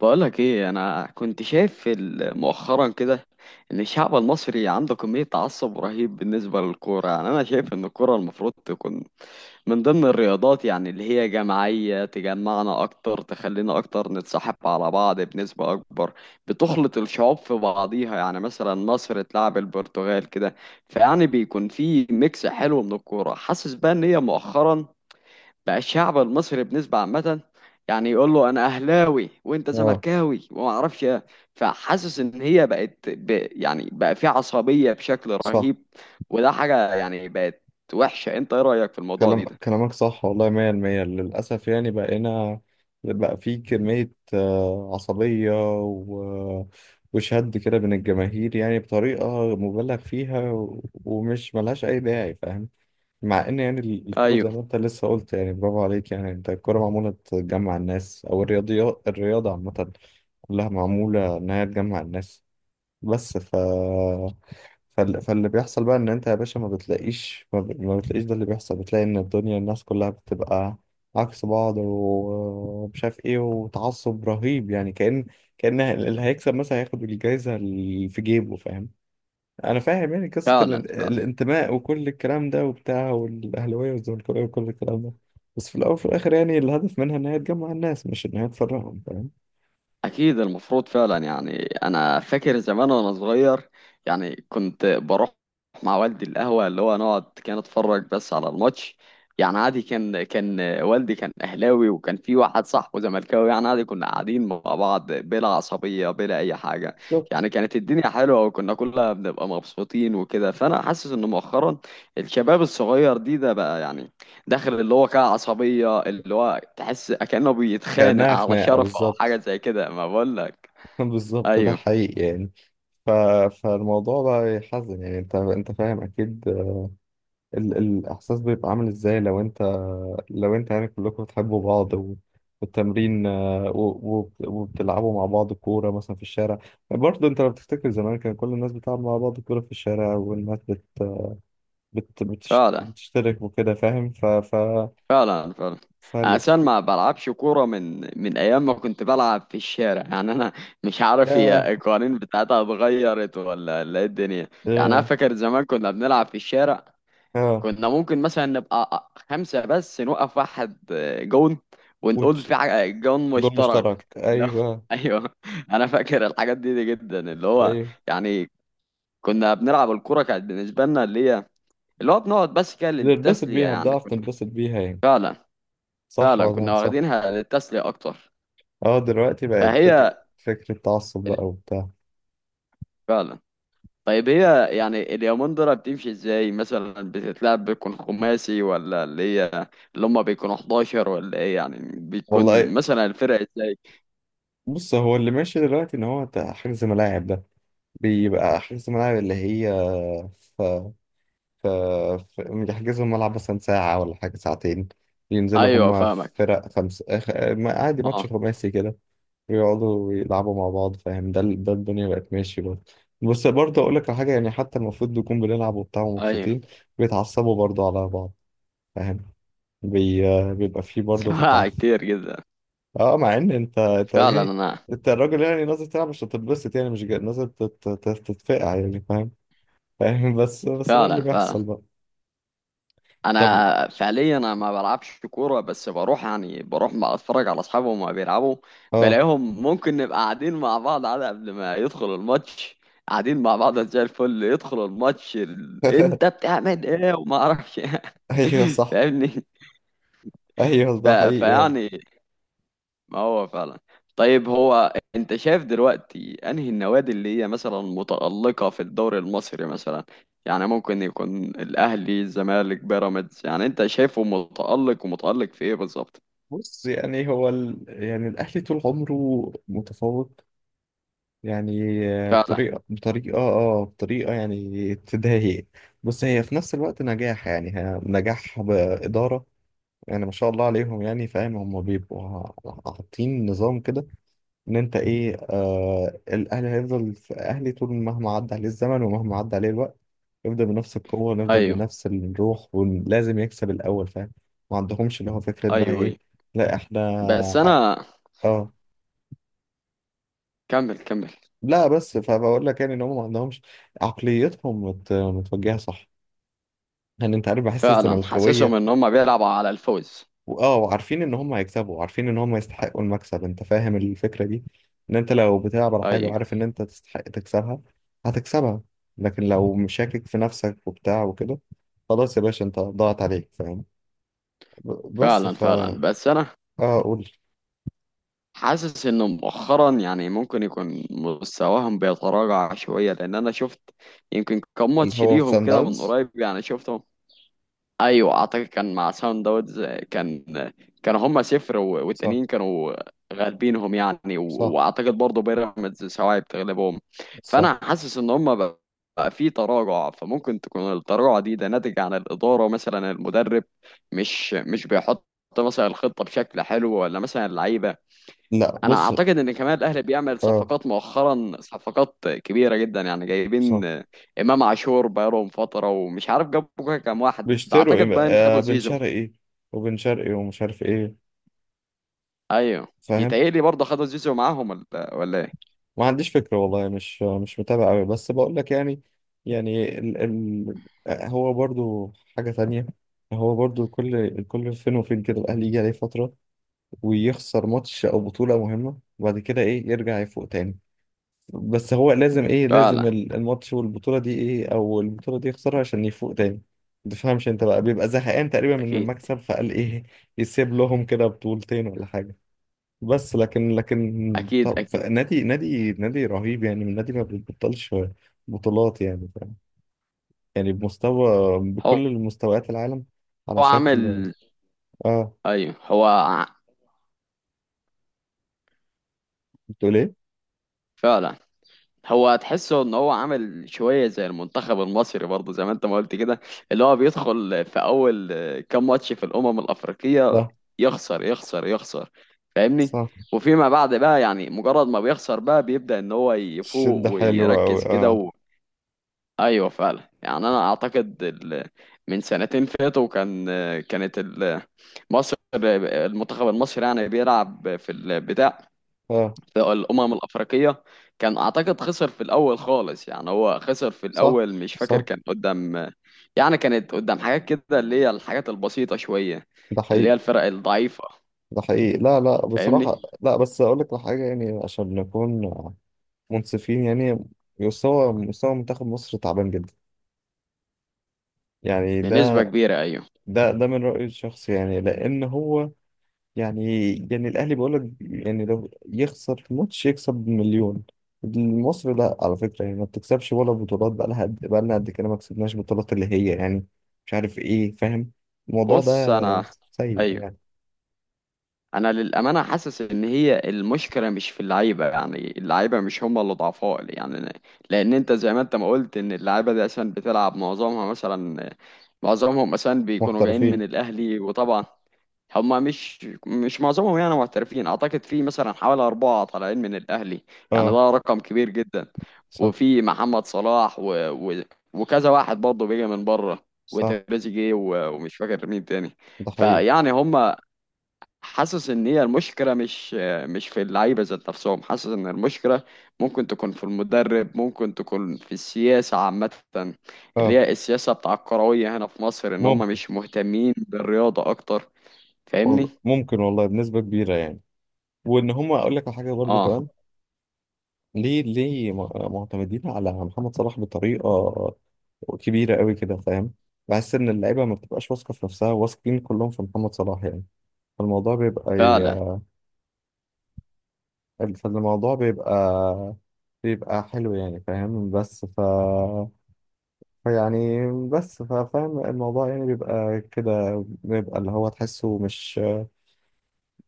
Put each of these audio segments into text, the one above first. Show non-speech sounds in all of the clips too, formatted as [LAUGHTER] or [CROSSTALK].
بقولك ايه، انا كنت شايف مؤخرا كده ان الشعب المصري عنده كمية تعصب رهيب بالنسبة للكورة. يعني انا شايف ان الكورة المفروض تكون من ضمن الرياضات، يعني اللي هي جماعية، تجمعنا اكتر، تخلينا اكتر نتصاحب على بعض بنسبة اكبر، بتخلط الشعوب في بعضيها. يعني مثلا مصر تلعب البرتغال كده فيعني بيكون في ميكس حلو من الكورة. حاسس بقى ان هي مؤخرا بقى الشعب المصري بنسبة عامة يعني يقول له انا اهلاوي وانت اه، زملكاوي وما اعرفش ايه. فحاسس ان هي بقت يعني بقى في عصبية بشكل صح. رهيب. وده حاجة يعني بقت وحشة. انت ايه رأيك في الموضوع كلام ده؟ كلامك صح، والله مية المية، للأسف. يعني بقينا بقى في كمية عصبية و... وشد كده بين الجماهير يعني بطريقة مبالغ فيها، ومش ملهاش أي داعي، فاهم؟ مع إن يعني الكورة زي ايوه، ما أنت لسه قلت، يعني برافو عليك، يعني أنت الكورة معمولة تجمع الناس، أو الرياضة عامة كلها معمولة إنها تجمع الناس. بس فاللي بيحصل بقى ان انت يا باشا، ما بتلاقيش ده اللي بيحصل. بتلاقي ان الدنيا الناس كلها بتبقى عكس بعض، ومش عارف ايه، وتعصب رهيب، يعني كأن اللي هيكسب مثلا هياخد الجايزة اللي في جيبه، فاهم؟ انا فاهم يعني قصة فعلا فعلا. الانتماء وكل الكلام ده وبتاع، والاهلاوية والزملكاوية وكل الكلام ده. بس في الاول وفي الاخر يعني الهدف منها ان هي تجمع الناس، مش ان هي تفرقهم، فاهم؟ أكيد المفروض فعلا. يعني أنا فاكر زمان وأنا صغير، يعني كنت بروح مع والدي القهوة، اللي هو نقعد كان أتفرج بس على الماتش. يعني عادي كان والدي كان أهلاوي، وكان في واحد صاحبه زملكاوي، يعني عادي كنا قاعدين مع بعض بلا عصبية بلا أي حاجة. بالظبط، يعني كانت الدنيا حلوة وكنا كلنا بنبقى مبسوطين وكده. فأنا حاسس إن مؤخرا الشباب الصغير ده بقى يعني داخل اللي هو كده عصبية، اللي هو تحس كأنه بيتخانق كأنها على خناقة شرفه أو حاجة بالظبط. زي كده، ما بقولك. [LAUGHS] بالظبط ده أيوه حقيقي يعني. ف... فالموضوع بقى يحزن يعني، انت فاهم اكيد. الاحساس بيبقى عامل ازاي؟ لو انت يعني كلكم بتحبوا بعض والتمرين، وبتلعبوا مع بعض كورة مثلا في الشارع. برضه انت لو بتفتكر زمان، كان كل الناس بتلعب مع بعض كورة في الشارع، والناس فعلا بتشترك وكده، فاهم؟ ف ف فعلا. فعلا، أنا أساسا فالف ما بلعبش كورة من أيام ما كنت بلعب في الشارع. يعني أنا مش عارف ياه، هي القوانين بتاعتها اتغيرت ولا إيه الدنيا. يعني أنا ياه، فاكر زمان كنا بنلعب في الشارع. اه. كنا ممكن مثلا نبقى خمسة بس، نوقف واحد جون ونقول وتش... جون جول مشترك، مشترك اللي هو. ايوه. [LAUGHS] ايوه، انا فاكر الحاجات دي جدا، اللي هو ايوه، يعني كنا بنلعب الكرة، كانت بالنسبة لنا اللي هي اللي هو بنقعد بس كده بتنبسط للتسلية. بيها، يعني بتعرف كنا، تنبسط بيها يعني. فعلا صح فعلا، ولا كنا صح؟ واخدينها للتسلية اكتر. اه، دلوقتي بقت فهي فكرة تعصب ال- بقى وبتاع. فعلا. طيب هي يعني اليومندرة بتمشي ازاي؟ مثلا بتتلعب بيكون خماسي، ولا اللي هي اللي هما بيكونوا 11 ولا ايه؟ يعني بيكون والله، مثلا الفرق ازاي؟ بص هو اللي ماشي دلوقتي ان هو بتاع حجز ملاعب ده. بيبقى حجز ملاعب، اللي هي، ف ف ف- يحجزوا الملعب مثلا ساعة ولا حاجة، ساعتين، ينزلوا ايوه هما فاهمك. فرق خمسة، عادي ماتش اه، خماسي كده، ويقعدوا يلعبوا مع بعض فاهم. ده الدنيا بقت ماشي برضه. بس برضه أقول لك على حاجة يعني، حتى المفروض نكون بنلعب وبتاع ايوه. ومبسوطين، بيتعصبوا برضه على بعض، فاهم؟ بي... بيبقى فيه [LAUGHS] برضه في سمعها التعاطف. كتير جدا. اه، مع ان انت فعلا جاي، انا، انت الراجل يعني نازل تلعب مش تتبسط، يعني مش جاي نازل تتفقع يعني فاهم [LAUGHS] بس ده اللي فعلا فعلا. بيحصل بقى. طب، انا فعليا انا ما بلعبش كوره، بس بروح يعني بروح ما اتفرج على اصحابي وما بيلعبوا. اه. بلاقيهم ممكن نبقى قاعدين مع بعض على قبل ما يدخل الماتش، قاعدين مع بعض زي الفل. يدخل الماتش انت بتعمل ايه وما اعرفش إيه. [LAUGHS] ايوه [LAUGHS] صح، فاهمني. ايوه ده حقيقي يعني. فيعني ما هو فعلا. طيب هو انت شايف دلوقتي انهي النوادي اللي هي مثلا متألقة في الدوري المصري مثلا؟ يعني ممكن يكون الاهلي، الزمالك، بيراميدز. يعني انت شايفه متألق، ومتألق في ايه بالظبط؟ بص يعني، يعني الاهلي طول عمره متفوق يعني، فعلا. بطريقه يعني تضايق. بس هي في نفس الوقت نجاح، يعني نجاح باداره. يعني ما شاء الله عليهم يعني فاهم، هم بيبقوا حاطين نظام كده، ان انت ايه، الاهلي هيفضل في اهلي طول، مهما عدى عليه الزمن ومهما عدى عليه الوقت، يفضل بنفس القوة ونفضل ايوه بنفس الروح، ولازم يكسب الاول، فاهم؟ ما عندهمش اللي هو فكرة بقى ايوه. ايوه ايه، لا احنا، بس انا، اه. كمل كمل. لا بس فبقول لك يعني ان هم ما عندهمش عقليتهم متوجهة صح، يعني انت عارف بحس فعلا حاسسهم الزملكاوية. ان هم بيلعبوا على الفوز. وعارفين ان هم هيكسبوا وعارفين ان هم يستحقوا المكسب، انت فاهم الفكرة دي، ان انت لو بتلعب على حاجة ايوه وعارف ان انت تستحق تكسبها، هتكسبها. لكن لو مشاكك في نفسك وبتاع وكده، خلاص يا باشا، انت ضاعت عليك، فاهم؟ ب- بس فعلا فا فعلا. بس انا اه قول. حاسس انه مؤخرا يعني ممكن يكون مستواهم بيتراجع شوية، لان انا شفت يمكن كم اللي ماتش هو ليهم سان كده من داونز، قريب يعني شفتهم. ايوه اعتقد كان مع ساوند داونز. كان، كانوا هما صفر صح، والتانيين كانوا غالبينهم. يعني صح، واعتقد برضه بيراميدز سواعي بتغلبهم. صح، فانا حاسس ان هما بقى، في تراجع. فممكن تكون التراجع ده ناتج عن الادارة، مثلا المدرب مش بيحط مثلا الخطة بشكل حلو، ولا مثلا اللعيبة. لا انا بص، اعتقد ان كمان الاهلي بيعمل اه صفقات مؤخرا، صفقات كبيره جدا. يعني صح. جايبين امام عاشور بقالهم فتره، ومش عارف جابوا كام واحد ده، بيشتروا ايه اعتقد بقى؟ باين خدوا بن زيزو. شرقي، وبن شرقي ومش عارف ايه، ايوه، فاهم. يتهيألي برضه خدوا زيزو معاهم ولا ايه. ما عنديش فكرة، والله مش متابع قوي، بس بقول لك يعني ال ال هو برضو حاجة تانية. هو برضو كل فين وفين كده، الأهلي يجي عليه فترة ويخسر ماتش أو بطولة مهمة، وبعد كده إيه يرجع يفوق تاني. بس هو لازم إيه، لازم فعلا. الماتش والبطولة دي إيه، أو البطولة دي يخسرها عشان يفوق تاني. متفهمش أنت بقى، بيبقى زهقان تقريبا من اكيد المكسب فقال إيه، يسيب لهم كده بطولتين ولا حاجة. بس لكن اكيد. طب، اكيد، نادي رهيب يعني، من نادي ما بيبطلش بطولات يعني فاهم. يعني بمستوى هو بكل المستويات العالم على هو شكل. عامل. اه، ايوه بتقول ايه؟ فعلا. هو تحسه ان هو عامل شويه زي المنتخب المصري برضه، زي ما انت ما قلت كده، اللي هو بيدخل في اول كام ماتش في الامم الافريقيه، صح، يخسر يخسر يخسر. فاهمني. صح. وفيما بعد بقى يعني مجرد ما بيخسر بقى بيبدا ان هو يفوق الشد حلو قوي. ويركز كده اه، و... ايوه فعلا. يعني انا اعتقد من سنتين فاتوا كان، كانت مصر، المنتخب المصري يعني بيلعب في البتاع اه، في الأمم الأفريقية، كان أعتقد خسر في الأول خالص. يعني هو خسر في صح، الأول، مش فاكر صح، كان قدام. يعني كانت قدام حاجات كده اللي هي الحاجات البسيطة شوية، ده اللي حقيقي، هي الفرق الضعيفة. ده حقيقي. لا لا، بصراحة فاهمني. لا، بس اقول لك على حاجة يعني عشان نكون منصفين يعني، مستوى منتخب مصر تعبان جدا يعني. بنسبة كبيرة أيوه. ده من رأيي الشخصي يعني، لأن هو، يعني الاهلي بقول لك يعني، لو يخسر في ماتش يكسب بمليون. مصر لا على فكره يعني، ما بتكسبش ولا بطولات. بقى لها قد بقى لنا قد كده، ما كسبناش بطولات اللي هي يعني، مش عارف ايه، فاهم؟ الموضوع ده بص أنا، سيء أيوه، يعني. أنا للأمانة حاسس إن هي المشكلة مش في اللعيبة. يعني اللعيبة مش هم اللي ضعفاء. يعني لأن أنت زي ما أنت ما قلت إن اللعيبة دي عشان بتلعب معظمها مثلا، معظمهم مثلا بيكونوا جايين من محترفين، الأهلي، وطبعا هما مش معظمهم يعني محترفين، اعتقد في مثلا حوالي اربعه طالعين من الاهلي. يعني اه ده رقم كبير جدا. صح، وفي محمد صلاح و... وكذا واحد برضه بيجي من بره، صح، وتريزيجيه، ومش فاكر مين تاني. ده حقيقي. فيعني هما، حاسس ان هي المشكله مش في اللعيبه ذات نفسهم. حاسس ان المشكله ممكن تكون في المدرب، ممكن تكون في السياسه عامه، اللي اه، هي السياسه الكرويه هنا في مصر، ان هما ممكن، مش مهتمين بالرياضه اكتر. فاهمني. والله ممكن، والله بنسبه كبيره يعني. وان هم اقول لك على حاجه برضو اه كمان، ليه معتمدين على محمد صلاح بطريقة كبيرة قوي كده، فاهم. بحس إن اللعيبة ما بتبقاش واثقة في نفسها، واثقين كلهم في محمد صلاح يعني. فالموضوع بيبقى فعلا. ي... فالموضوع بيبقى حلو يعني فاهم. بس ف فيعني بس ف- فاهم الموضوع يعني، بيبقى كده، بيبقى اللي هو تحسه مش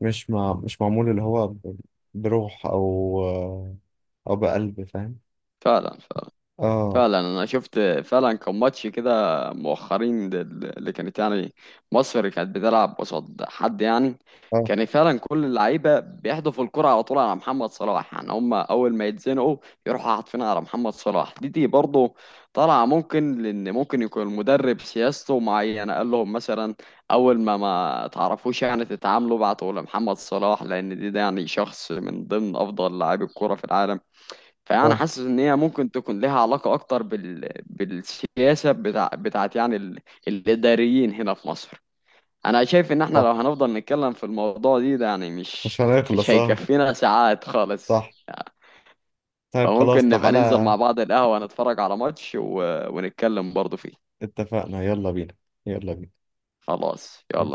مش مع... مش معمول اللي هو بروح أو بقلب، فاهم. فعلا فعلا. اه، فعلا انا شفت فعلا كان ماتش كده مؤخرين اللي كانت يعني مصر كانت بتلعب قصاد حد يعني. اه، كان فعلا كل اللعيبه بيحدفوا الكره على طول على محمد صلاح. يعني هم اول ما يتزنقوا يروحوا حاطفينها على محمد صلاح. دي برضه طالعه ممكن، لان ممكن يكون المدرب سياسته معينه، قال لهم مثلا اول ما تعرفوش يعني تتعاملوا بعتوا لمحمد صلاح، لان ده يعني شخص من ضمن افضل لاعبي الكره في العالم. فانا اه، حاسس ان هي ممكن تكون لها علاقه اكتر بالسياسه بتاعت يعني الاداريين هنا في مصر. انا شايف ان احنا اه، لو هنفضل نتكلم في الموضوع ده يعني مش مش هنخلص اه. هيكفينا ساعات خالص. صح، طيب خلاص، فممكن نبقى ننزل تعالى. مع بعض القهوه نتفرج على ماتش، ونتكلم برضه فيه. اتفقنا، يلا بينا، يلا بينا. خلاص يلا.